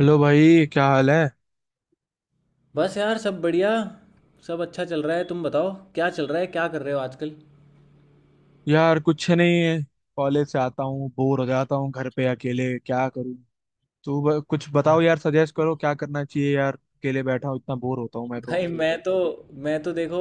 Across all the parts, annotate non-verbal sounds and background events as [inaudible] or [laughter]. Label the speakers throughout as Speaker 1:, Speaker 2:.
Speaker 1: Hello भाई, क्या हाल है।
Speaker 2: बस यार, सब बढ़िया। सब अच्छा चल रहा है। तुम बताओ, क्या चल रहा है, क्या कर रहे हो आजकल?
Speaker 1: यार कुछ नहीं है। कॉलेज से आता हूँ, बोर हो जाता हूँ। घर पे अकेले क्या करूँ। तू कुछ बताओ यार, सजेस्ट करो क्या करना चाहिए। यार अकेले बैठा हूँ, इतना बोर होता हूँ मैं तो।
Speaker 2: भाई, मैं तो देखो।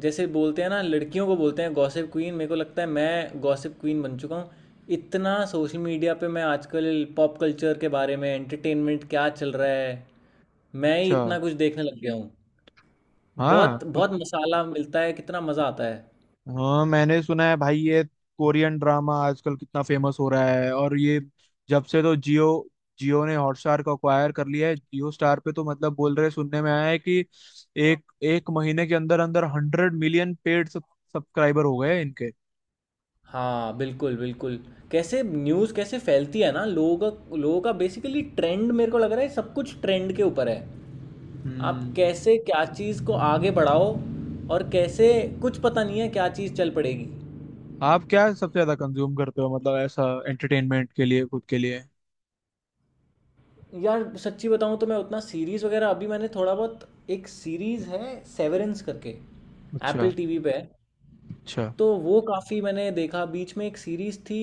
Speaker 2: जैसे बोलते हैं ना, लड़कियों को बोलते हैं गॉसिप क्वीन। मेरे को लगता है मैं गॉसिप क्वीन बन चुका हूँ। इतना सोशल मीडिया पे मैं आजकल, पॉप कल्चर के बारे में, एंटरटेनमेंट क्या चल रहा है, मैं ही
Speaker 1: अच्छा।
Speaker 2: इतना कुछ देखने लग गया हूँ।
Speaker 1: हाँ
Speaker 2: बहुत
Speaker 1: कुछ।
Speaker 2: बहुत मसाला मिलता है, कितना मज़ा आता है।
Speaker 1: हाँ, मैंने सुना है भाई, ये कोरियन ड्रामा आजकल कितना फेमस हो रहा है। और ये जब से तो जियो जियो ने हॉटस्टार को अक्वायर कर लिया है, जियो स्टार पे तो मतलब बोल रहे, सुनने में आया है कि एक एक महीने के अंदर अंदर 100 मिलियन पेड सब्सक्राइबर हो गए इनके।
Speaker 2: हाँ, बिल्कुल, बिल्कुल। कैसे न्यूज़, कैसे फैलती है ना, लोगों का बेसिकली ट्रेंड। मेरे को लग रहा है सब कुछ ट्रेंड के ऊपर है। आप
Speaker 1: हम्म।
Speaker 2: कैसे क्या चीज़ को आगे बढ़ाओ, और कैसे, कुछ पता नहीं है क्या चीज़ चल पड़ेगी।
Speaker 1: आप क्या सबसे ज्यादा कंज्यूम करते हो मतलब ऐसा, एंटरटेनमेंट के लिए खुद के लिए।
Speaker 2: यार सच्ची बताऊँ तो मैं उतना सीरीज़ वगैरह, अभी मैंने थोड़ा बहुत, एक सीरीज़ है सेवरेंस करके।
Speaker 1: अच्छा।
Speaker 2: एप्पल टीवी पे है।
Speaker 1: अच्छा।
Speaker 2: तो वो काफ़ी मैंने देखा। बीच में एक सीरीज़ थी,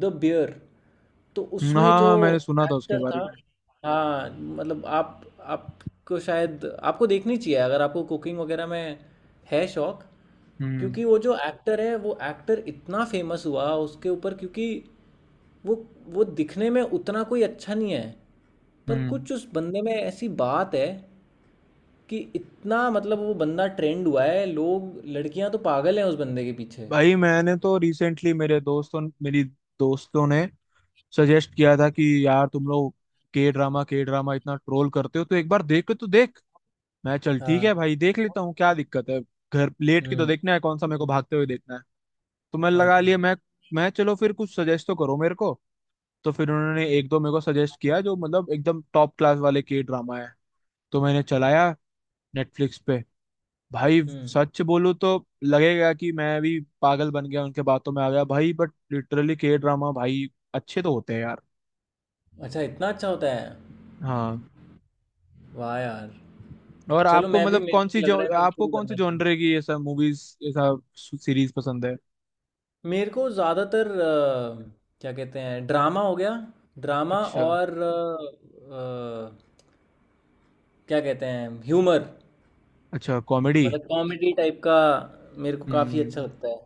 Speaker 2: द बियर। तो उसमें
Speaker 1: हाँ
Speaker 2: जो
Speaker 1: हाँ, मैंने सुना था उसके
Speaker 2: एक्टर
Speaker 1: बारे
Speaker 2: था।
Speaker 1: में।
Speaker 2: हाँ मतलब, आप आपको शायद आपको देखनी चाहिए अगर आपको कुकिंग वगैरह में है शौक।
Speaker 1: हम्म।
Speaker 2: क्योंकि वो जो एक्टर है, वो एक्टर इतना फेमस हुआ उसके ऊपर, क्योंकि वो वो दिखने में उतना कोई अच्छा नहीं है। पर
Speaker 1: हम्म।
Speaker 2: कुछ उस बंदे में ऐसी बात है कि इतना, मतलब वो बंदा ट्रेंड हुआ है। लोग, लड़कियां तो पागल हैं उस बंदे के पीछे।
Speaker 1: भाई मैंने तो रिसेंटली, मेरे दोस्तों मेरी दोस्तों ने सजेस्ट किया था कि यार तुम लोग के ड्रामा इतना ट्रोल करते हो, तो एक बार देख के तो देख। मैं, चल ठीक है
Speaker 2: हाँ।
Speaker 1: भाई, देख लेता हूँ क्या दिक्कत है। घर लेट के तो
Speaker 2: हम्म।
Speaker 1: देखना है, कौन सा मेरे को भागते हुए देखना है। तो मैं
Speaker 2: और
Speaker 1: लगा
Speaker 2: क्या।
Speaker 1: लिए। मैं चलो फिर कुछ सजेस्ट तो करो मेरे को। तो फिर उन्होंने एक दो मेरे को सजेस्ट किया, जो मतलब एकदम टॉप क्लास वाले के ड्रामा है। तो मैंने चलाया नेटफ्लिक्स पे। भाई
Speaker 2: हम्म।
Speaker 1: सच बोलूं तो लगेगा कि मैं भी पागल बन गया, उनके बातों में आ गया भाई, बट लिटरली के ड्रामा भाई अच्छे तो होते हैं यार।
Speaker 2: अच्छा, इतना अच्छा होता है?
Speaker 1: हाँ।
Speaker 2: वाह यार।
Speaker 1: और
Speaker 2: चलो,
Speaker 1: आपको
Speaker 2: मैं भी,
Speaker 1: मतलब
Speaker 2: मेरे
Speaker 1: कौन
Speaker 2: को भी
Speaker 1: सी,
Speaker 2: लग
Speaker 1: जो
Speaker 2: रहा है फिर
Speaker 1: आपको
Speaker 2: शुरू
Speaker 1: कौन सी
Speaker 2: करना चाहिए।
Speaker 1: जॉनरे की ऐसा मूवीज, ऐसा सीरीज पसंद है।
Speaker 2: मेरे को ज़्यादातर क्या कहते हैं, ड्रामा हो गया, ड्रामा।
Speaker 1: अच्छा।
Speaker 2: और क्या कहते हैं, ह्यूमर।
Speaker 1: अच्छा, कॉमेडी।
Speaker 2: मतलब कॉमेडी टाइप का मेरे को काफ़ी अच्छा
Speaker 1: हम्म।
Speaker 2: लगता है।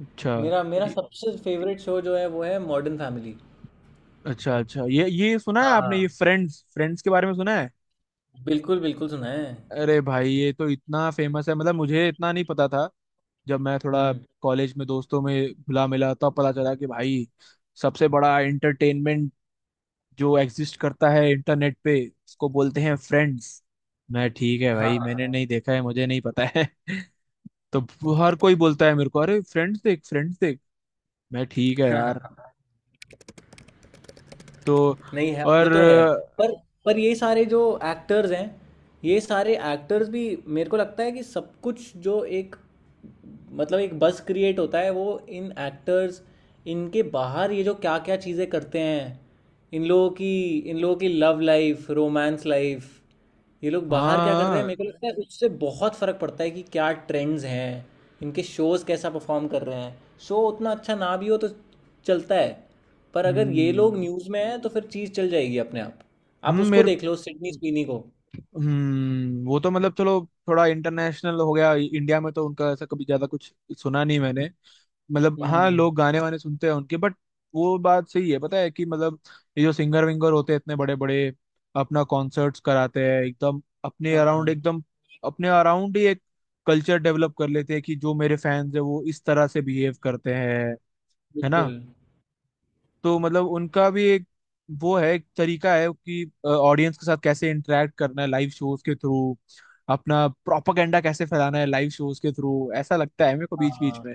Speaker 1: अच्छा।
Speaker 2: मेरा मेरा
Speaker 1: ये-
Speaker 2: सबसे फेवरेट शो जो है वो है मॉडर्न फैमिली।
Speaker 1: अच्छा अच्छा, ये सुना है आपने, ये
Speaker 2: हाँ,
Speaker 1: फ्रेंड्स फ्रेंड्स के बारे में सुना है।
Speaker 2: बिल्कुल, बिल्कुल सुना है।
Speaker 1: अरे भाई ये तो इतना फेमस है, मतलब मुझे इतना नहीं पता था। जब मैं थोड़ा
Speaker 2: हुँ।
Speaker 1: कॉलेज में दोस्तों में घुला मिला, तब पता चला कि भाई सबसे बड़ा एंटरटेनमेंट जो एग्जिस्ट करता है इंटरनेट पे, उसको बोलते हैं फ्रेंड्स। मैं, ठीक है
Speaker 2: हाँ,
Speaker 1: भाई, मैंने नहीं देखा है, मुझे नहीं पता है। [laughs] तो हर कोई बोलता है मेरे को, अरे फ्रेंड्स देख, फ्रेंड्स देख। मैं, ठीक है
Speaker 2: हाँ,
Speaker 1: यार।
Speaker 2: हाँ।
Speaker 1: तो।
Speaker 2: नहीं है, वो
Speaker 1: और।
Speaker 2: तो है। पर पर ये सारे जो एक्टर्स हैं, ये सारे एक्टर्स भी मेरे को लगता है कि सब कुछ, जो एक, मतलब एक बज़ क्रिएट होता है, वो इन एक्टर्स, इनके बाहर ये जो क्या-क्या चीज़ें करते हैं, इन लोगों की इन लोगों की लव लाइफ़, रोमांस लाइफ़, ये लोग बाहर क्या कर रहे हैं,
Speaker 1: हाँ।
Speaker 2: मेरे को लगता है उससे बहुत फ़र्क पड़ता है कि क्या ट्रेंड्स हैं, इनके शोज़ कैसा परफॉर्म कर रहे हैं। शो उतना अच्छा ना भी हो तो चलता है, पर अगर ये लोग
Speaker 1: हम्म।
Speaker 2: न्यूज़ में हैं तो फिर चीज़ चल जाएगी अपने आप। आप उसको
Speaker 1: मेरे
Speaker 2: देख लो, सिडनी स्वीनी को।
Speaker 1: वो तो मतलब चलो थोड़ा इंटरनेशनल हो गया, इंडिया में तो उनका ऐसा कभी ज्यादा कुछ सुना नहीं मैंने। मतलब हाँ,
Speaker 2: हम्म।
Speaker 1: लोग गाने वाने सुनते हैं उनके, बट वो बात सही है, पता है कि मतलब ये जो सिंगर विंगर होते हैं इतने बड़े बड़े, अपना कॉन्सर्ट्स कराते हैं,
Speaker 2: हाँ, हाँ,
Speaker 1: एकदम अपने अराउंड ही एक कल्चर डेवलप कर लेते हैं कि जो मेरे फैंस है वो इस तरह से बिहेव करते हैं, है ना।
Speaker 2: बिल्कुल।
Speaker 1: तो मतलब उनका भी एक वो है, एक तरीका है कि ऑडियंस के साथ कैसे इंटरेक्ट करना है लाइव शोज के थ्रू, अपना प्रोपागेंडा कैसे फैलाना है लाइव शोज के थ्रू, ऐसा लगता है मेरे को बीच बीच
Speaker 2: हाँ
Speaker 1: में।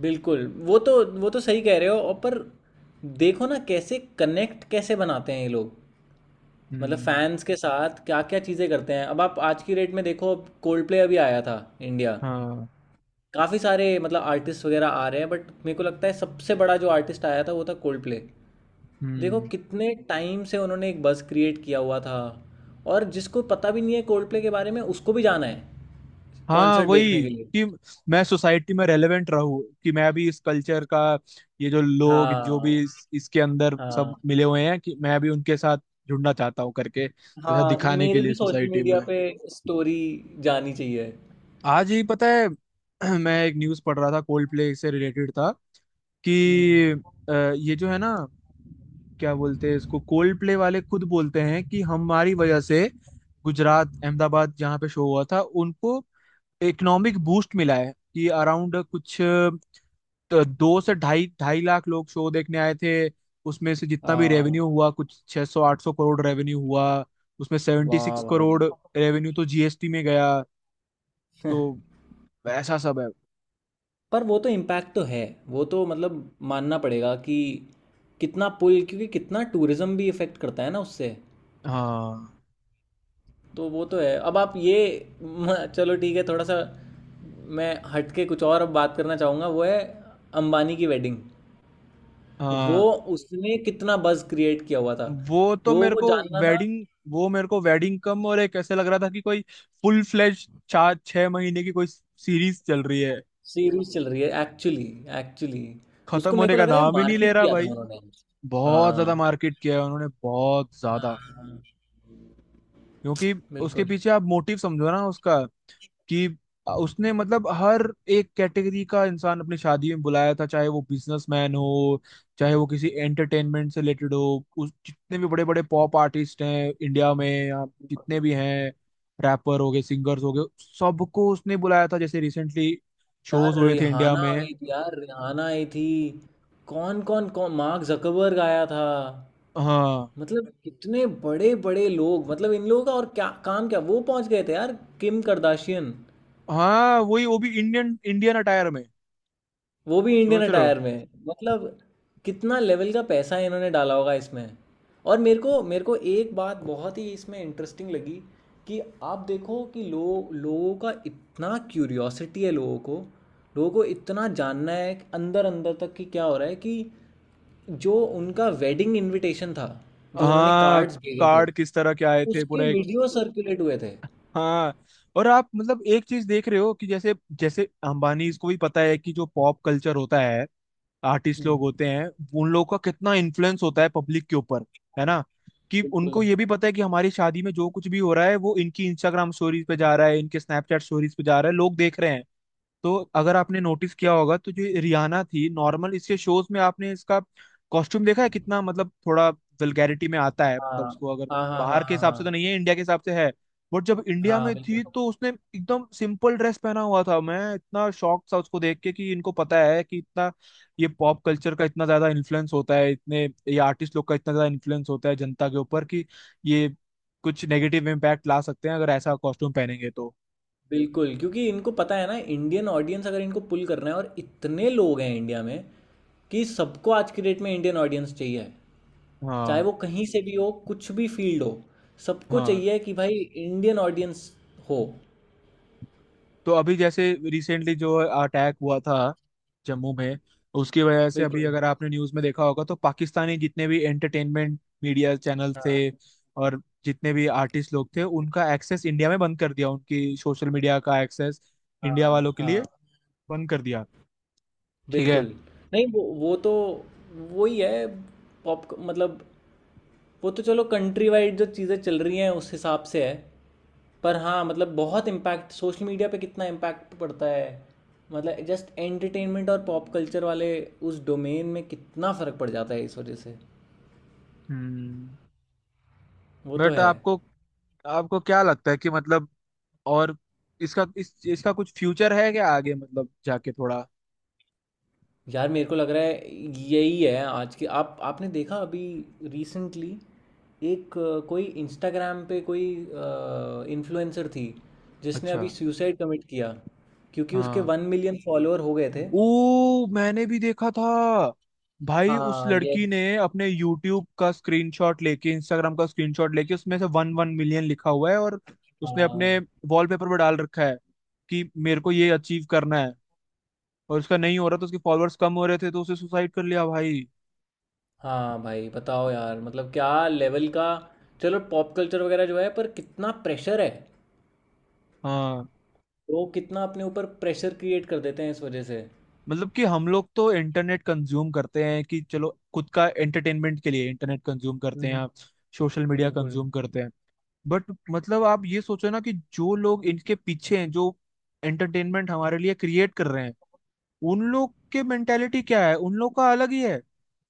Speaker 2: बिल्कुल, वो तो सही कह रहे हो। और पर देखो ना, कैसे कनेक्ट कैसे बनाते हैं ये लोग, मतलब
Speaker 1: हम्म।
Speaker 2: फैंस के साथ क्या क्या चीज़ें करते हैं। अब आप आज की डेट में देखो, अब कोल्ड प्ले अभी आया था इंडिया।
Speaker 1: हाँ।
Speaker 2: काफ़ी सारे मतलब आर्टिस्ट वगैरह आ रहे हैं, बट मेरे को लगता है सबसे बड़ा जो आर्टिस्ट आया था वो था कोल्ड प्ले। देखो
Speaker 1: हम्म।
Speaker 2: कितने टाइम से उन्होंने एक बuzz क्रिएट किया हुआ था। और जिसको पता भी नहीं है कोल्ड प्ले के बारे में, उसको भी जाना है
Speaker 1: हाँ
Speaker 2: कॉन्सर्ट देखने
Speaker 1: वही,
Speaker 2: के लिए।
Speaker 1: कि मैं सोसाइटी में रेलेवेंट रहूं, कि मैं भी इस कल्चर का, ये जो लोग जो
Speaker 2: हाँ,
Speaker 1: भी इसके अंदर
Speaker 2: हाँ,
Speaker 1: सब मिले हुए हैं, कि मैं भी उनके साथ जुड़ना चाहता हूँ करके ऐसा
Speaker 2: हाँ,
Speaker 1: दिखाने के
Speaker 2: मेरी
Speaker 1: लिए
Speaker 2: भी सोशल
Speaker 1: सोसाइटी में।
Speaker 2: मीडिया पे स्टोरी जानी चाहिए।
Speaker 1: आज ही पता है, [clears throat] मैं एक न्यूज पढ़ रहा था, कोल्ड प्ले से रिलेटेड था, कि
Speaker 2: हम्म।
Speaker 1: ये जो है ना, क्या बोलते हैं इसको, कोल्ड प्ले वाले खुद बोलते हैं कि हमारी वजह से गुजरात अहमदाबाद जहाँ पे शो हुआ था, उनको इकोनॉमिक बूस्ट मिला है। कि अराउंड कुछ दो से ढाई ढाई लाख लोग शो देखने आए थे। उसमें से जितना भी रेवेन्यू
Speaker 2: हाँ।
Speaker 1: हुआ, कुछ 600 800 करोड़ रेवेन्यू हुआ। उसमें 76
Speaker 2: वाह भाई।
Speaker 1: करोड़ रेवेन्यू तो जीएसटी में गया। तो
Speaker 2: [laughs]
Speaker 1: ऐसा सब है।
Speaker 2: पर वो तो इम्पैक्ट तो है। वो तो मतलब मानना पड़ेगा कि कितना पुल, क्योंकि कितना टूरिज्म भी इफ़ेक्ट करता है ना उससे।
Speaker 1: हाँ।
Speaker 2: तो वो तो है। अब आप ये, [laughs] चलो ठीक है, थोड़ा सा मैं हट के कुछ और अब बात करना चाहूँगा, वो है अंबानी की वेडिंग। वो,
Speaker 1: हाँ।
Speaker 2: उसने कितना बज़ क्रिएट किया हुआ था।
Speaker 1: वो तो
Speaker 2: लोगों
Speaker 1: मेरे
Speaker 2: को
Speaker 1: को
Speaker 2: जानना था।
Speaker 1: वेडिंग, वो मेरे को वेडिंग कम और एक ऐसे लग रहा था कि कोई फुल फ्लेज 4 छह महीने की कोई सीरीज चल रही है,
Speaker 2: सीरीज चल रही है एक्चुअली एक्चुअली।
Speaker 1: खत्म
Speaker 2: उसको मेरे
Speaker 1: होने
Speaker 2: को
Speaker 1: का
Speaker 2: लग रहा है
Speaker 1: नाम ही नहीं ले
Speaker 2: मार्केट
Speaker 1: रहा
Speaker 2: किया
Speaker 1: भाई।
Speaker 2: था उन्होंने।
Speaker 1: बहुत ज्यादा
Speaker 2: हाँ,
Speaker 1: मार्केट किया है उन्होंने बहुत ज्यादा।
Speaker 2: हाँ,
Speaker 1: क्योंकि उसके
Speaker 2: बिल्कुल।
Speaker 1: पीछे आप मोटिव समझो ना उसका, कि उसने मतलब हर एक कैटेगरी का इंसान अपनी शादी में बुलाया था, चाहे वो बिजनेसमैन हो, चाहे वो किसी एंटरटेनमेंट से रिलेटेड हो, उस जितने भी बड़े बड़े पॉप आर्टिस्ट हैं इंडिया में, या जितने भी हैं, रैपर हो गए, सिंगर्स हो गए, सबको उसने बुलाया था। जैसे रिसेंटली
Speaker 2: यार
Speaker 1: शोज हुए थे इंडिया
Speaker 2: रिहाना आ
Speaker 1: में।
Speaker 2: गई थी, यार रिहाना आई थी। कौन कौन, कौन मार्क जकरबर्ग आया था।
Speaker 1: हाँ।
Speaker 2: मतलब कितने बड़े बड़े लोग, मतलब इन लोगों का और क्या काम, क्या वो पहुंच गए थे यार। किम करदाशियन,
Speaker 1: हाँ वही, वो भी इंडियन इंडियन अटायर में।
Speaker 2: वो भी इंडियन
Speaker 1: सोच रहे हो।
Speaker 2: अटायर में, मतलब कितना लेवल का पैसा इन्होंने डाला होगा इसमें। और मेरे को एक बात बहुत ही इसमें इंटरेस्टिंग लगी, कि आप देखो कि लोग, लोगों का इतना क्यूरियोसिटी है, लोगों को इतना जानना है कि अंदर अंदर तक कि क्या हो रहा है, कि जो उनका वेडिंग इनविटेशन था, जो उन्होंने
Speaker 1: हाँ,
Speaker 2: कार्ड्स भेजे थे,
Speaker 1: कार्ड किस तरह के आए थे, पूरा
Speaker 2: उसके
Speaker 1: एक।
Speaker 2: वीडियो सर्कुलेट हुए थे।
Speaker 1: हाँ। और आप मतलब एक चीज देख रहे हो कि जैसे, जैसे अंबानीज को भी पता है कि जो पॉप कल्चर होता है, आर्टिस्ट
Speaker 2: हम्म।
Speaker 1: लोग होते हैं, उन लोगों का कितना इन्फ्लुएंस होता है पब्लिक के ऊपर, है ना। कि
Speaker 2: बिल्कुल।
Speaker 1: उनको ये भी पता है कि हमारी शादी में जो कुछ भी हो रहा है वो इनकी इंस्टाग्राम स्टोरीज पे जा रहा है, इनके स्नैपचैट स्टोरीज पे जा रहा है, लोग देख रहे हैं। तो अगर आपने नोटिस किया होगा तो जो रियाना थी, नॉर्मल इसके शोज में आपने इसका कॉस्ट्यूम देखा है कितना, मतलब थोड़ा वल्गैरिटी में आता है,
Speaker 2: हाँ,
Speaker 1: मतलब उसको, अगर
Speaker 2: हाँ, हाँ, हाँ,
Speaker 1: बाहर के
Speaker 2: हाँ,
Speaker 1: हिसाब से तो
Speaker 2: हाँ,
Speaker 1: नहीं है, इंडिया के हिसाब से है। बट जब इंडिया
Speaker 2: हाँ,
Speaker 1: में थी
Speaker 2: बिल्कुल,
Speaker 1: तो उसने एकदम सिंपल ड्रेस पहना हुआ था। मैं इतना शॉक था उसको देख के, कि इनको पता है कि इतना ये पॉप कल्चर का इतना ज्यादा इन्फ्लुएंस होता है, इतने ये आर्टिस्ट लोग का इतना ज्यादा इन्फ्लुएंस होता है जनता के ऊपर, कि ये कुछ नेगेटिव इम्पैक्ट ला सकते हैं अगर ऐसा कॉस्ट्यूम पहनेंगे तो।
Speaker 2: बिल्कुल। क्योंकि इनको पता है ना इंडियन ऑडियंस, अगर इनको पुल करना है, और इतने लोग हैं इंडिया में कि सबको आज की डेट में इंडियन ऑडियंस चाहिए है, चाहे
Speaker 1: हाँ।
Speaker 2: वो कहीं से भी हो, कुछ भी फील्ड हो, सबको
Speaker 1: हाँ।
Speaker 2: चाहिए कि भाई इंडियन ऑडियंस हो।
Speaker 1: तो अभी जैसे रिसेंटली जो अटैक हुआ था जम्मू में, उसकी वजह से अभी
Speaker 2: बिल्कुल।
Speaker 1: अगर आपने न्यूज़ में देखा होगा, तो पाकिस्तानी जितने भी एंटरटेनमेंट मीडिया चैनल थे
Speaker 2: हाँ,
Speaker 1: और जितने भी आर्टिस्ट लोग थे, उनका एक्सेस इंडिया में बंद कर दिया, उनकी सोशल मीडिया का एक्सेस
Speaker 2: हाँ,
Speaker 1: इंडिया वालों के लिए
Speaker 2: हाँ,
Speaker 1: बंद कर दिया। ठीक है।
Speaker 2: बिल्कुल। नहीं, वो तो वही है, पॉप मतलब, वो तो चलो कंट्री वाइड जो चीज़ें चल रही हैं उस हिसाब से है। पर हाँ, मतलब बहुत इम्पैक्ट, सोशल मीडिया पे कितना इम्पैक्ट पड़ता है, मतलब जस्ट एंटरटेनमेंट और पॉप कल्चर वाले उस डोमेन में कितना फ़र्क पड़ जाता है इस वजह से।
Speaker 1: हम्म।
Speaker 2: वो तो
Speaker 1: बट
Speaker 2: है।
Speaker 1: आपको, आपको क्या लगता है कि मतलब, और इसका, इस इसका कुछ फ्यूचर है क्या आगे, मतलब जाके थोड़ा।
Speaker 2: यार मेरे को लग रहा है यही है आज के। आप आपने देखा अभी रिसेंटली, एक कोई इंस्टाग्राम पे, कोई इन्फ्लुएंसर थी जिसने
Speaker 1: अच्छा।
Speaker 2: अभी सुसाइड कमिट किया, क्योंकि उसके
Speaker 1: हाँ,
Speaker 2: 1 million फॉलोअर हो गए थे।
Speaker 1: ओ मैंने भी देखा था। भाई उस
Speaker 2: हाँ,
Speaker 1: लड़की ने
Speaker 2: यस।
Speaker 1: अपने यूट्यूब का स्क्रीनशॉट लेके, इंस्टाग्राम का स्क्रीनशॉट लेके, उसमें से वन वन मिलियन लिखा हुआ है, और उसने
Speaker 2: हाँ,
Speaker 1: अपने वॉलपेपर पर डाल रखा है कि मेरे को ये अचीव करना है। और उसका नहीं हो रहा, तो उसके फॉलोअर्स कम हो रहे थे, तो उसे सुसाइड कर लिया भाई।
Speaker 2: हाँ भाई, बताओ यार, मतलब क्या लेवल का। चलो पॉप कल्चर वगैरह जो है, पर कितना प्रेशर है,
Speaker 1: हाँ।
Speaker 2: लोग कितना अपने ऊपर प्रेशर क्रिएट कर देते हैं इस वजह से।
Speaker 1: मतलब कि हम लोग तो इंटरनेट कंज्यूम करते हैं, कि चलो खुद का एंटरटेनमेंट के लिए इंटरनेट कंज्यूम करते हैं,
Speaker 2: हम्म।
Speaker 1: आप सोशल मीडिया
Speaker 2: बिल्कुल।
Speaker 1: कंज्यूम करते हैं, बट मतलब आप ये सोचो ना कि जो लोग इनके पीछे हैं, जो एंटरटेनमेंट हमारे लिए क्रिएट कर रहे हैं, उन लोग के मेंटेलिटी क्या है, उन लोग का अलग ही है,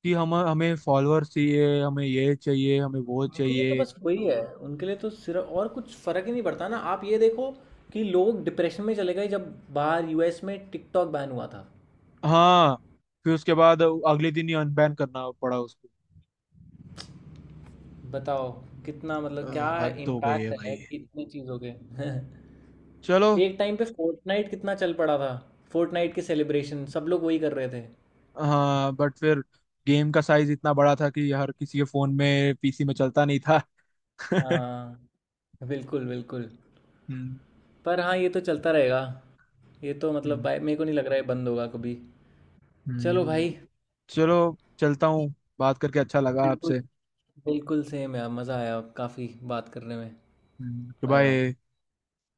Speaker 1: कि हम हमें फॉलोअर्स चाहिए, हमें ये चाहिए, हमें वो
Speaker 2: उनके लिए तो
Speaker 1: चाहिए।
Speaker 2: बस वही है, उनके लिए तो सिर्फ, और कुछ फर्क ही नहीं पड़ता ना। आप ये देखो कि लोग डिप्रेशन में चले गए जब बाहर यूएस में टिकटॉक बैन हुआ था।
Speaker 1: हाँ। फिर उसके बाद अगले दिन ही अनबैन करना पड़ा उसको।
Speaker 2: बताओ कितना,
Speaker 1: अ,
Speaker 2: मतलब क्या
Speaker 1: हद हो गई है
Speaker 2: इम्पैक्ट
Speaker 1: भाई।
Speaker 2: है कि इतनी चीज़ों के,
Speaker 1: चलो।
Speaker 2: [laughs] एक टाइम पे फोर्टनाइट कितना चल पड़ा था। फोर्टनाइट के सेलिब्रेशन सब लोग वही कर रहे थे।
Speaker 1: हाँ बट फिर गेम का साइज इतना बड़ा था कि हर किसी के फोन में, पीसी में चलता नहीं था। [laughs] हम्म।
Speaker 2: हाँ, बिल्कुल, बिल्कुल। पर हाँ, ये तो चलता रहेगा। ये तो मतलब
Speaker 1: हम्म।
Speaker 2: भाई, मेरे को नहीं लग रहा है बंद होगा कभी। चलो
Speaker 1: हम्म।
Speaker 2: भाई।
Speaker 1: चलो, चलता हूँ। बात करके अच्छा लगा
Speaker 2: बिल्कुल,
Speaker 1: आपसे।
Speaker 2: बिल्कुल सेम यार, मज़ा आया काफ़ी बात करने में।
Speaker 1: कि
Speaker 2: बाय बाय।
Speaker 1: भाई।